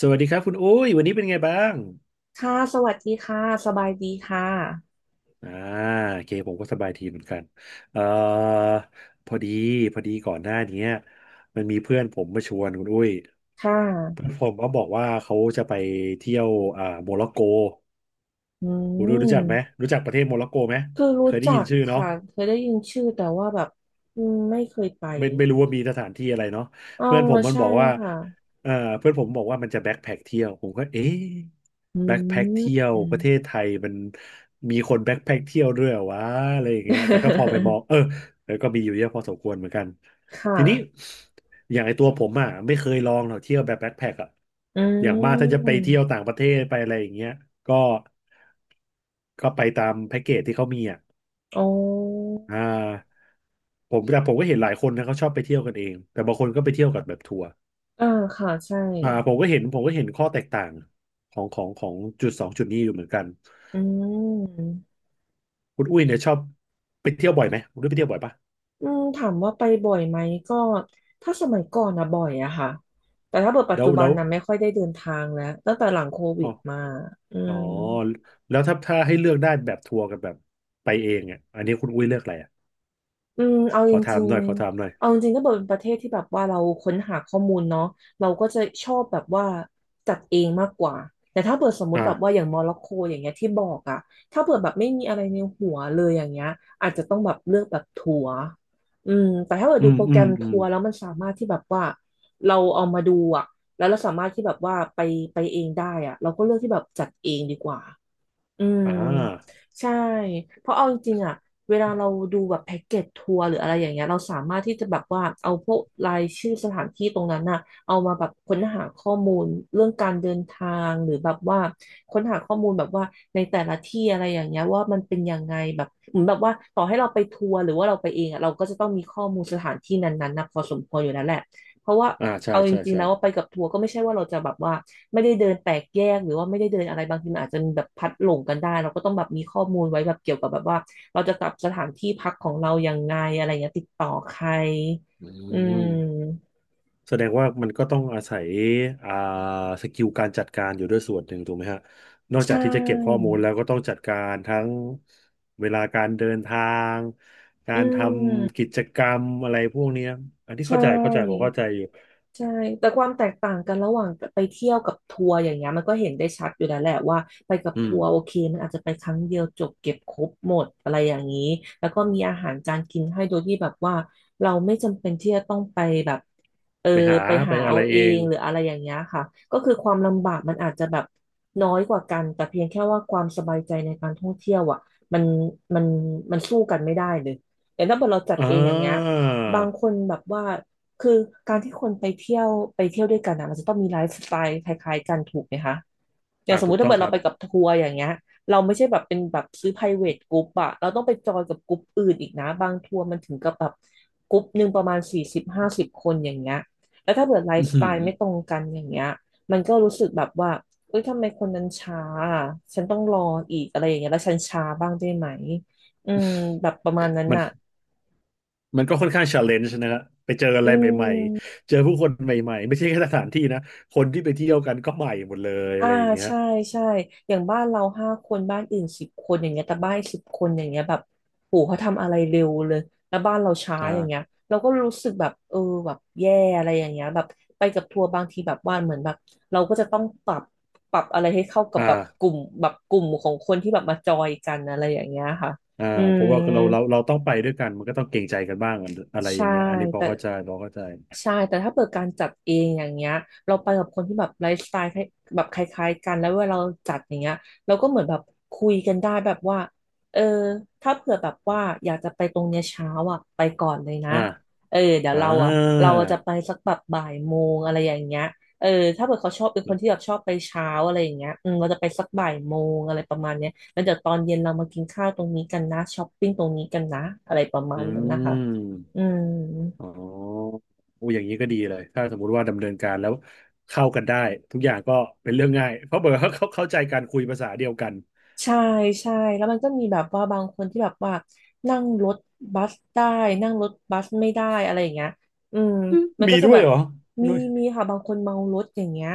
สวัสดีครับคุณอุ้ยวันนี้เป็นไงบ้างค่ะสวัสดีค่ะสบายดีค่ะ อ่าโอเคผมก็สบายทีเหมือนกันเอ่อพอดีพอดีก่อนหน้าเนี้ยมันมีเพื่อนผมมาชวนคุณอุ้ยค่เพื่อะนผมก็บอกว่าเขาจะไปเที่ยวโมร็อกโกอืคุณอุ้ยรู้จักไหมมรู้จักประเทศโมร็อกโกไหมคือเครู้ยได้ยิจันกชื่อเนาะ ค่ะ เคยได้ยินชื่อแต่ว่าแบบอืมไม่เคยไปไม่รู้ว่ามีสถานที่อะไรเนาะอ๋อเพื่อนผมมันใช่บอกว่าค่ะเออเพื่อนผมบอกว่ามันจะแบ็คแพ็คเที่ยวผมก็เอ๊ะอืแบ็คแพ็คเที่ยม วประเทศไทยมันมีคนแบ็คแพ็คเที่ยวด้วยเหรอวะอะไรอย่างเงี้ยแต่ก็พอไปมองเออ แล้วก็มีอยู่เยอะพอสมควรเหมือนกันคทีนี้่ะอย่างไอตัวผมอ่ะไม่เคยลองหรอกเที่ยวแบบแบ็คแพ็คอ่ะอือย่างมากถ้าจะไปเที่ยวมต่างประเทศไปอะไรอย่างเงี้ยก็ก็ไปตามแพ็กเกจที่เขามีอ่ะอ๋ออ่า แต่ผมก็เห็นหลายคนนะเขาชอบไปเที่ยวกันเองแต่บางคนก็ไปเที่ยวกับแบบทัวร์อ่าค่ะใช่อ่าผมก็เห็นข้อแตกต่างของจุดสองจุดนี้อยู่เหมือนกันอืมคุณอุ้ยเนี่ยชอบไปเที่ยวบ่อยไหมคุณอุ้ยไปเที่ยวบ่อยปะอืมถามว่าไปบ่อยไหมก็ถ้าสมัยก่อนนะบ่อยอะค่ะ แต่ถ้าเกิดปัจแล้จุวบัแล้นวนะไม่ค่อยได้เดินทางแล้วตั้งแต่หลังโควิอ๋อดมาอือ๋อม แล้วถ้าให้เลือกได้แบบทัวร์กับแบบไปเองอ่ะอันนี้คุณอุ้ยเลือกอะไรอ่ะอืมเอาขจอถาริมงหน่อยขอถามหน่อยๆเอาจริงๆก็เป็นประเทศที่แบบว่าเราค้นหาข้อมูลเนาะเราก็จะชอบแบบว่าจัดเองมากกว่าแต่ถ้าเปิดสมมติแบบว่าออ่าย่างโมร็อกโกอย่างเงี้ยที่บอกอะถ้าเปิดแบบไม่มีอะไรในหัวเลยอย่างเงี้ยอาจจะต้องแบบเลือกแบบทัวร์อืมแต่ถ้าเปิดอืดูมโปรแกอืรมมอืทัมวร์แล้วมันสามารถที่แบบว่าเราเอามาดูอะแล้วเราสามารถที่แบบว่าไปเองได้อะเราก็เลือกที่แบบจัดเองดีกว่า อืมอ่าใช่เพราะเอาจริงๆอะเวลาเราดูแบบแพ็กเกจทัวร์หรืออะไรอย่างเงี้ยเราสามารถที่จะแบบว่าเอาพวกรายชื่อสถานที่ตรงนั้นน่ะเอามาแบบค้นหาข้อมูลเรื่องการเดินทางหรือแบบว่าค้นหาข้อมูลแบบว่าในแต่ละที่อะไรอย่างเงี้ยว่ามันเป็นยังไงแบบเหมือนแบบว่าต่อให้เราไปทัวร์หรือว่าเราไปเองอะเราก็จะต้องมีข้อมูลสถานที่นั้นๆนะพอสมควรอยู่แล้วแหละเพราะว่าอ่าใช่เอาจใช่ริงๆใช่แล้วว่าไปกับทัวร์ก็ไม่ใช่ว่าเราจะแบบว่า ไม่ได้เดินแตกแยกหรือว่าไม่ได้เดินอะไรบางทีมันอาจจะมีแบบพัดหลงกันได้เราก็ต้องแบบมีข้อมูลไว้แบบเกี่ยวกับแบบว่าเราจะกลับสถานที่พักของเรายังไงอะไรเงี้ยติดต่อใคร อือืม มแสดงว่ามันก็ต้องอาศัยอ่าสกิลการจัดการอยู่ด้วยส่วนหนึ่งถูกไหมฮะนอกใชจากที่จะเก็บข้อ่ มูลแล้วก็ต้องจัดการทั้งเวลาการเดินทางกาอืรทมำกิจกรรมอะไรพวกเนี้ยอันที่ใช่ เข้าใจเข้าใจผมเข้าใจอยู่ใช่แต่ความแตกต่างกันระหว่างไปเที่ยวกับทัวร์อย่างเงี้ยมันก็เห็นได้ชัดอยู่แล้วแหละว่าไปกับอืมทัวร์โอเคมันอาจจะไปครั้งเดียวจบเก็บครบหมดอะไรอย่างนี้แล้วก็มีอาหารจานกินให้โดยที่แบบว่าเราไม่จำเป็นที่จะต้องไปแบบเออไปหาไปไปหาอะเอาไรเอเองงหรืออะไรอย่างเงี้ยค่ะก็คือความลำบากมันอาจจะแบบน้อยกว่ากันแต่เพียงแค่ว่าความสบายใจในการท่องเที่ยวอ่ะมันมันมันสู้กันไม่ได้เลยแต่ถ้าเกิดเราจัดอ่เองอย่างเงี้ยาบางคนแบบว่า คือการที่คนไปเที่ยวด้วยกันนะมันจะต้องมีไลฟ์สไตล์คล้ายๆกันถูกไหมคะอย่าอ่างสมถูมุกติถ้าต้องเกิดคเรารับ ไปกับทัวร์อย่างเงี้ยเราไม่ใช่แบบเป็นแบบซื้อ private group อะเราต้องไปจอยกับกลุ่มอื่นอีกนะบางทัวร์มันถึงกับแบบกลุ่มหนึ่งประมาณ40-50 คนอย่างเงี้ยแล้วถ้าเกิดไล อือฟ์สหืไตอล์ไม่ตรงกันอย่างเงี้ยมันก็รู้สึกแบบว่าเอ้ยทำไมคนนั้นช้าอะฉันต้องรออีกอะไรอย่างเงี้ยแล้วฉันช้าบ้างได้ไหมอืมแบบประมาณนั้นมันน่ะมันก็ค่อนข้างชาเลนจ์นะฮะไปเจออะอืไรใหม่ม ๆเจอผู้คนใหม่ๆไม่ใช่แค่สถานที่นะคนที่ไปเที่ยวกันก็ใหม่หมดเลยอ่าอะไรอย่างเงี้ยใช่ใช่อย่างบ้านเรา5 คนบ้านอื่นสิบคนอย่างเงี้ยแต่บ้านสิบคนอย่างเงี้ยแบบโหเขาทำอะไรเร็วเลยแล้วบ้านเราช้าอย่างเงี้ยอ่า เราก็รู้สึกแบบเออแบบแย่อะไรอย่างเงี้ยแบบไปกับทัวร์บางทีแบบว่าเหมือนแบบเราก็จะต้องปรับอะไรให้เข้ากัอบแบบก่าลุ่มแบบกลุ่มของคนที่แบบมาจอยกันอะไรอย่างเงี้ยค่ะอ่าอืเพม ราะว่าเราต้องไปด้วยกันมันก็ต้องเกรงใจกันบ้างอะไรอใช่ย่างเงี้ยอันนี้พอแต่เข้าใจพอเข้าใจใช่แต่ถ้าเปิดการจัดเองอย่างเงี้ยเราไปกับคนที่แบบไลฟ์สไตล์คล้ายแบบคล้ายๆกันแล้วเวลาเราจัดอย่างเงี้ยเราก็เหมือนแบบคุยกันได้แบบว่าเออถ้าเผื่อแบบว่าอยากจะไปตรงเนี้ยเช้าอ่ะไปก่อนเลยนะอ่าเออเดี๋ยวอ่เราอ่ะเราาจะไปสักแบบบ่ายโมงอะไรอย่างเงี้ยเออถ้าเผื่อเขาชอบเป็นคนที่แบบชอบไปเช้าอะไรอย่างเงี้ยอืมเราจะไปสักบ่ายโมงอะไรประมาณเนี้ยแล้วเดี๋ยวตอนเย็นเรามากินข้าวตรงนี้กันนะช้อปปิ้งตรงนี้กันนะอะไรประมาอืณนั้นนะคะ อืมมอ๋อโอ้อย่างนี้ก็ดีเลยถ้าสมมุติว่าดำเนินการแล้วเข้ากันได้ทุกอย่างก็เป็นเรื่องง่ายเพราะเบอร์เขา เขาเข้าใจกันคุยภาษาเดียวกันใช่ใช่แล้วมันก็มีแบบว่าบางคนที่แบบว่านั่งรถบัสได้นั่งรถบัสไม่ได้อะไรอย่างเงี้ยอืมอืมมันมีก็จะด้วแบยบเหรอมีนุ้ยมีค่ะบางคนเมารถอย่างเงี้ย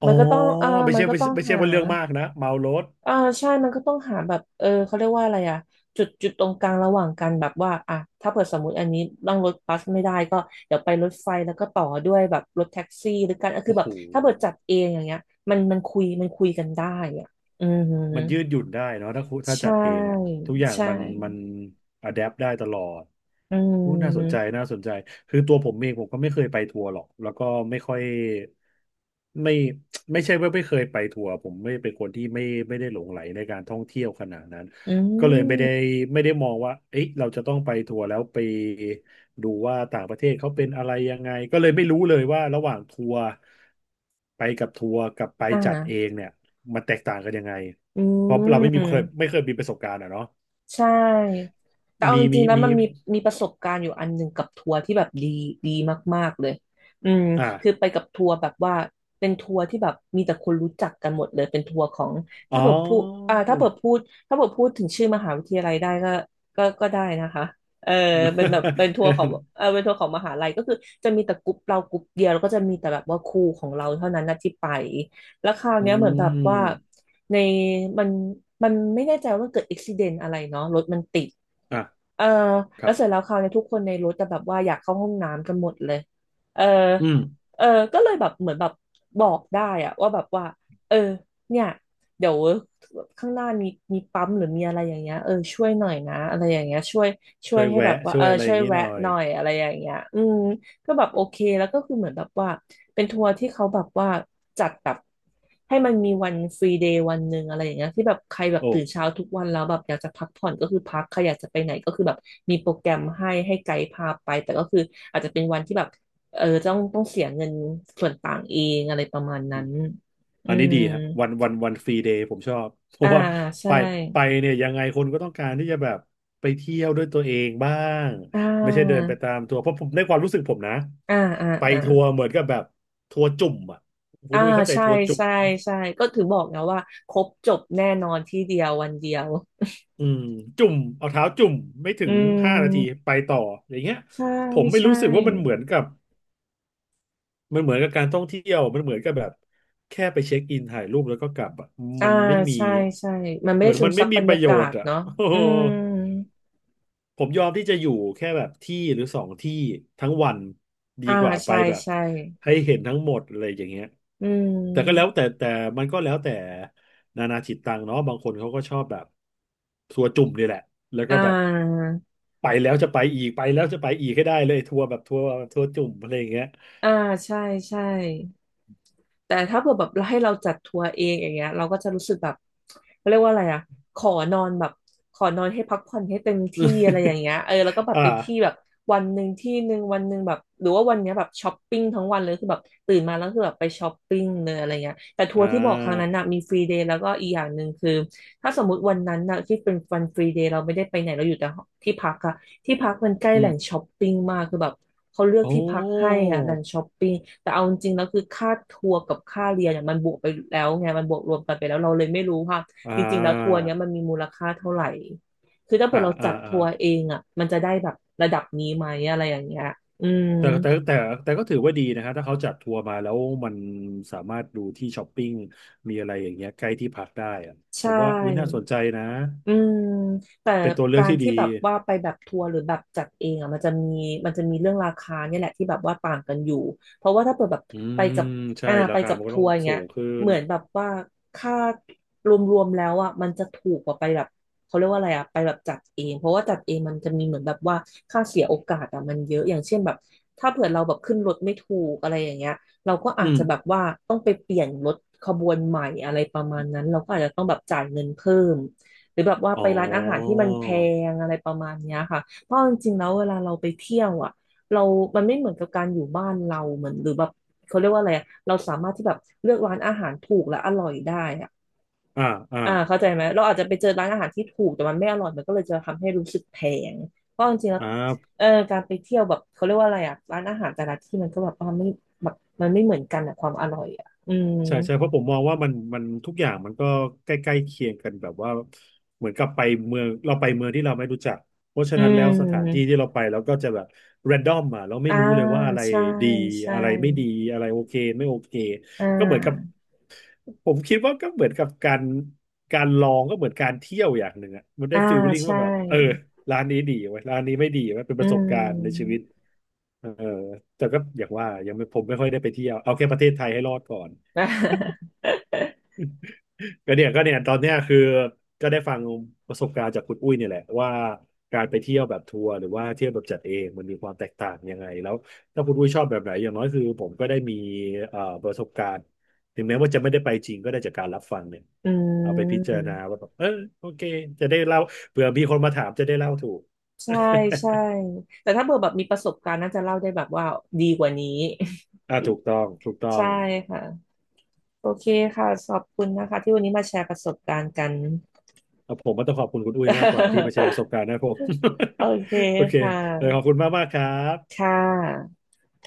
อ๋อมันก็ต้องอ่าไม่มันใช่ก็ไม่ต้อใช่งไม่ใช่หา ว่าเรื่องมากนะเมารถอ่าใช่มันก็ต้องหาแบบเออเขาเรียกว่าอะไรอะจุดตรงกลางระหว่างกันแบบว่าอ่ะถ้าเปิดสมมติอันนี้นั่งรถบัสไม่ได้ก็เดี๋ยวไปรถไฟแล้วก็ต่อด้วยแบบรถแท็กซี่หรือกันก็คือโอ้แบโห บถ้าเปิดจัดเองอย่างเงี้ยมันคุยคุยกันได้อ่ะอือหือมันยืดหยุ่นได้เนาะถ้าจัใช่ดเองอะทุกอย่างใช่มันอะแดปได้ตลอดอือู้น่าสนใจมน่าสนใจคือตัวผมเองผมก็ไม่เคยไปทัวร์หรอกแล้วก็ไม่ค่อยไม่ไม่ใช่ว่าไม่เคยไปทัวร์ผมไม่เป็นคนที่ไม่ไม่ได้หลงไหลในการท่องเที่ยวขนาดนั้นอืก็เลยไม่ได้มไม่ได้มองว่าเอ๊ะเราจะต้องไปทัวร์แล้วไปดูว่าต่างประเทศเขาเป็นอะไรยังไงก็เลยไม่รู้เลยว่าระหว่างทัวร์ไปกับทัวร์กับไปอ่จัดเองาเนี่ยมันแตกต่างกันยังไง อืเพราะเราไม่มีเคยม ไม่เคยมีประสบการณ์อ่ะเนาะใช่แต่เอามีจริมีงๆแล้วมีมีมีประสบการณ์อยู่อันหนึ่งกับทัวร์ที่แบบดีมากๆเลยอืมคืออ่าไปกับทัวร์แบบว่าเป็นทัวร์ที่แบบมีแต่คนรู้จักกันหมดเลยเป็นทัวร์ของอ๋ถ้าอ เปิดพูดอ่าถ้าเปิดพูดถึงชื่อมหาวิทยาลัยได้ก็ก็ได้นะคะเออเป็นแบบเป็นทัวร์ของ เออเป็นทัวร์ของมหาลัยก็คือจะมีแต่กลุ่มเรากลุ่มเดียวแล้วก็จะมีแต่แบบว่าครูของเราเท่านั้นนะที่ไปแล้วคราวอืเนี้ยเหมือนแบบมว่า ในมันมันไม่แน่ใจว่ามันเกิดอุบิเหตุอะไรเนาะรถมันติดอ่ะเออคแล้รัวบเสร็จแล้วคราวนี้ทุกคนในรถแต่แบบว่าอยากเข้าห้องน้ำกันหมดเลยเอออืมเออก็เลยแบบเหมือนแบบบอกได้อะว่าแบบว่าเออเนี่ยเดี๋ยวข้างหน้ามีปั๊มหรือมีอะไรอย่างเงี้ยเออช่วยหน่อยนะอะไรอย่างเงี้ยช่วช่ยวยให้แวะแบบว่าช่เอวอยอะไรอช่วย่ายงนี้หแวะน่อยหน่อยอะไรอย่างเงี้ยอืมก็แบบโอเคแล้วก็คือเหมือนแบบว่า เป็นทัวร์ที่เขาแบบว่าจัดแบบให้มันมีวันฟรีเดย์วันหนึ่งอะไรอย่างเงี้ยที่แบบใครแบบโอ้ตื่นเช้าทุกวันแล้วแบบอยากจะพักผ่อนก็คือพักใครอยากจะไปไหนก็คือแบบมีโปรแกรมให้ไกด์พาไปแต่ก็คืออาจจะเป็นวันที่แบบเออต้องเสียเงินส่วนต่างเองอะไรประมาณอืนั้นมอือันนี้มดีฮะวันฟรีเดย์ผมชอบ เพอ่าราะว่าไปใช่ไปเนี่ยยังไงคนก็ต้องการที่จะแบบไปเที่ยวด้วยตัวเองบ้างอ่ไม่ใช่เดินาไปตามทัวร์เพราะผมในความรู้สึกผมนะอ่าอ่าไปอ่าทัวร์เหมือนกับแบบทัวร์จุ่มอ่ะคุณอ่าดุ้ยเข้าใจใช่ทัวร์จุ่มใช่ไหม ใช่ก็ถือบอกนะว่าครบจบแน่นอนที่เดียววันเดียวอืมจุ่มเอาเท้าจุ่มไม่ถึอืงห้านาทีม ไปต่ออย่างเงี้ยใช่ผมไม่ใช่ รู้สึกว่ามันเหมือนกับมันเหมือนกับการท่องเที่ยวมันเหมือนกับแบบแค่ไปเช็คอินถ่ายรูปแล้วก็กลับอะอ่า มันไม่มีใช่ใช่ มันไม่เหมืได้อนซึมัมนซัไม่บบมีรปรยาระโยกาชศน์อ่ะ เนาะ โอ้อืโห มผมยอมที่จะอยู่แค่แบบที่หรือสองที่ทั้งวันดีอ่า กว่าไปใช่แบบใช่ ให้เห็นทั้งหมดอะไรอย่างเงี้ยอืแต่ก็แล้วมแต่แต่มันก็แล้วแต่นานาจิตตังเนาะบางคนเขาก็ชอบแบบทัวร์จุ่มนี่แหละแล้วอ่ก็แบบา ไปแล้วจะไปอีกไปแล้วจะไปอีกให้ได้เลยทัวร์แบบทัวร์ทัวร์จุ่มอะไรอย่างเงี้ย อ่า ใช่ใช่ แต่ถ้าเผื่อแบบให้เราจัดทัวร์เองอย่างเงี้ยเราก็จะรู้สึกแบบเขาเรียกว่าอะไรอะขอนอนแบบขอนอนให้พักผ่อนให้เต็มที่อะไรอย่างเงี้ ยเออแล้วก็แบบอ่าไปที่แบบวันหนึ่งที่หนึ่งวันหนึ่งแบบหรือว่าวันเนี้ยแบบช้อปปิ้งทั้งวันเลยคือแบบตื่นมาแล้วคือแบบไปช้อปปิ้งเลยอะไรเงี้ยแต่ทัวอ่ร์ที่บอกครั้งนั้านน่ะมีฟรีเดย์แล้วก็อีกอย่างหนึ่งคือถ้าสมมติวันนั้นน่ะที่เป็นวันฟรีเดย์เราไม่ได้ไปไหนเราอยู่แต่ที่พักอะที่พักมันใกล้อืแหมล่งช้อปปิ้งมากคือแบบ เขาเลือกโอ้ที่พักให้อ่ะดันช้อปปิ้งแต่เอาจริงๆแล้วคือค่าทัวร์กับค่าเรียนเนี่ยมันบวกไปแล้วไงมันบวกรวมกันไปแล้วเราเลยไม่รู้ว่าอ่จริงๆแล้วทัวร์าเนี้ยมันมีมูลค่าเท่าไหร่คือถ้าเกิอ่าดเราอ่าจัดอ่า ทัวร์เองอ่ะมันจะได้แบบระดับนี้ไหมอะไรอย่างเงี้ยอืมแต่แต่แต่แต่ก็ถือว่าดีนะครับถ้าเขาจัดทัวร์มาแล้วมันสามารถดูที่ช้อปปิ้งมีอะไรอย่างเงี้ยใกล้ที่พักได้อะผใช่ มว่าอุ้ยน่าสนใจนะอืมแต่เป็นตัวเลือกากรที่ดีที่แบบว่าไปแบบทัวร์หรือแบบจัดเองอ่ะมันจะมีเรื่องราคาเนี่ยแหละที่แบบว่าต่างกันอยู่เพราะว่าถ้าเปิดแบบอืไปมกับใช่อ่าราไปคากับมันก็ทัต้อวงร์อย่างสูเงี้ยงขึ้เหนมือนแบบว่าค่ารวมๆแล้วอ่ะมันจะถูกกว่าไปแบบเขาเรียกว่าอะไรอ่ะไปแบบจัดเองเพราะว่าจัดเองมันจะมีเหมือนแบบว่าค่าเสียโอกาสอ่ะมันเยอะอย่างเช่นแบบถ้าเผื่อเราแบบขึ้นรถไม่ถูกอะไรอย่างเงี้ยเราก็อือาจมจะแบบว่าต้องไปเปลี่ยนรถขบวนใหม่อะไรประมาณนั้นเราก็อาจจะต้องแบบจ่ายเงินเพิ่ม หรือแบบว่าอ๋ไปอร้านอาหารที่มันแพงอะไรประมาณเนี้ยค่ะ เพราะจริงๆแล้วเวลาเราไปเที่ยวอ่ะเรามันไม่เหมือนกับการอยู่บ้านเราเหมือนหรือแบบเขาเรียกว่าอะไรอะเราสามารถที่แบบเลือกร้านอาหารถูกและอร่อยได้อ่ะอ่าอ่าอ่าเข้าใจไหมเราอาจจะไปเจอร้านอาหารที่ถูกแต่มันไม่อร่อยมันก็เลยจะทำให้รู้สึกแพงเพราะจริงๆแล้วอ่า เออการไปเที่ยวแบบเขาเรียกว่าอะไรอ่ะร้านอาหารแต่ละที่มันก็แบบว่าไม่แบบมันไม่เหมือนกันอะความอร่อยอ่ะอืมใช่ใช่เพราะผมมองว่ามันทุกอย่างมันก็ใกล้ๆเคียงกันแบบว่าเหมือนกับไปเมืองเราไปเมืองที่เราไม่รู้จักเพราะฉะอืนั้นแล้วสถานที่มที่เราไปเราก็จะแบบแรนดอมอ่ะเราไม่อ่ารู้เลยว่าอะไรใช่ดีใช่อะไรไม่ดีอะไรโอเคไม่โอเคอ่ก็เหมือนกับา ผมคิดว่าก็เหมือนกับการลองก็เหมือนการเที่ยวอย่างหนึ่งอ่ะมันได้อ่าฟีลลิ่งใช่ว่าแบบเออร้านนี้ดีไว้ยร้านนี้ไม่ดีไว้ยเป็นปอืระสบการณ์ในชีม วิตเออแต่ก็อย่างว่ายังไม่ผมไม่ค่อยได้ไปเที่ยวเอาแค่ประเทศไทยให้รอดก่อน ก็เนี่ยตอนเนี้ยคือก็ได้ฟังประสบการณ์จากคุณอุ้ยเนี่ยแหละว่าการไปเที่ยวแบบทัวร์หรือว่าเที่ยวแบบจัดเองมันมีความแตกต่างยังไงแล้วถ้าคุณอุ้ยชอบแบบไหนอย่างน้อยคือผมก็ได้มีประสบการณ์ถึงแม้ว่าจะไม่ได้ไปจริงก็ได้จากการรับฟังเนี่ยอืเอาไปพิจารม ณาว่าแบบเออโอเคจะได้เล่าเผื่อมีคนมาถามจะได้เล่าถูก ใช่ใช่ แต่ถ้าเบอร์แบบมีประสบการณ์น่าจะเล่าได้แบบว่าดีกว่านี้ อ่าถูกต้องถูก ต้อใช่งค่ะโอเคค่ะขอบคุณนะคะที่วันนี้มาแชร์ประสบการณ์กัน ผมก็ต้องขอบคุณคุณอุ้ยมากกว่าที่มาแชร์ ประสบการณ์ให้ผม โอเค โอเคค่ะเออขอบคุณมากมากครับค่ะ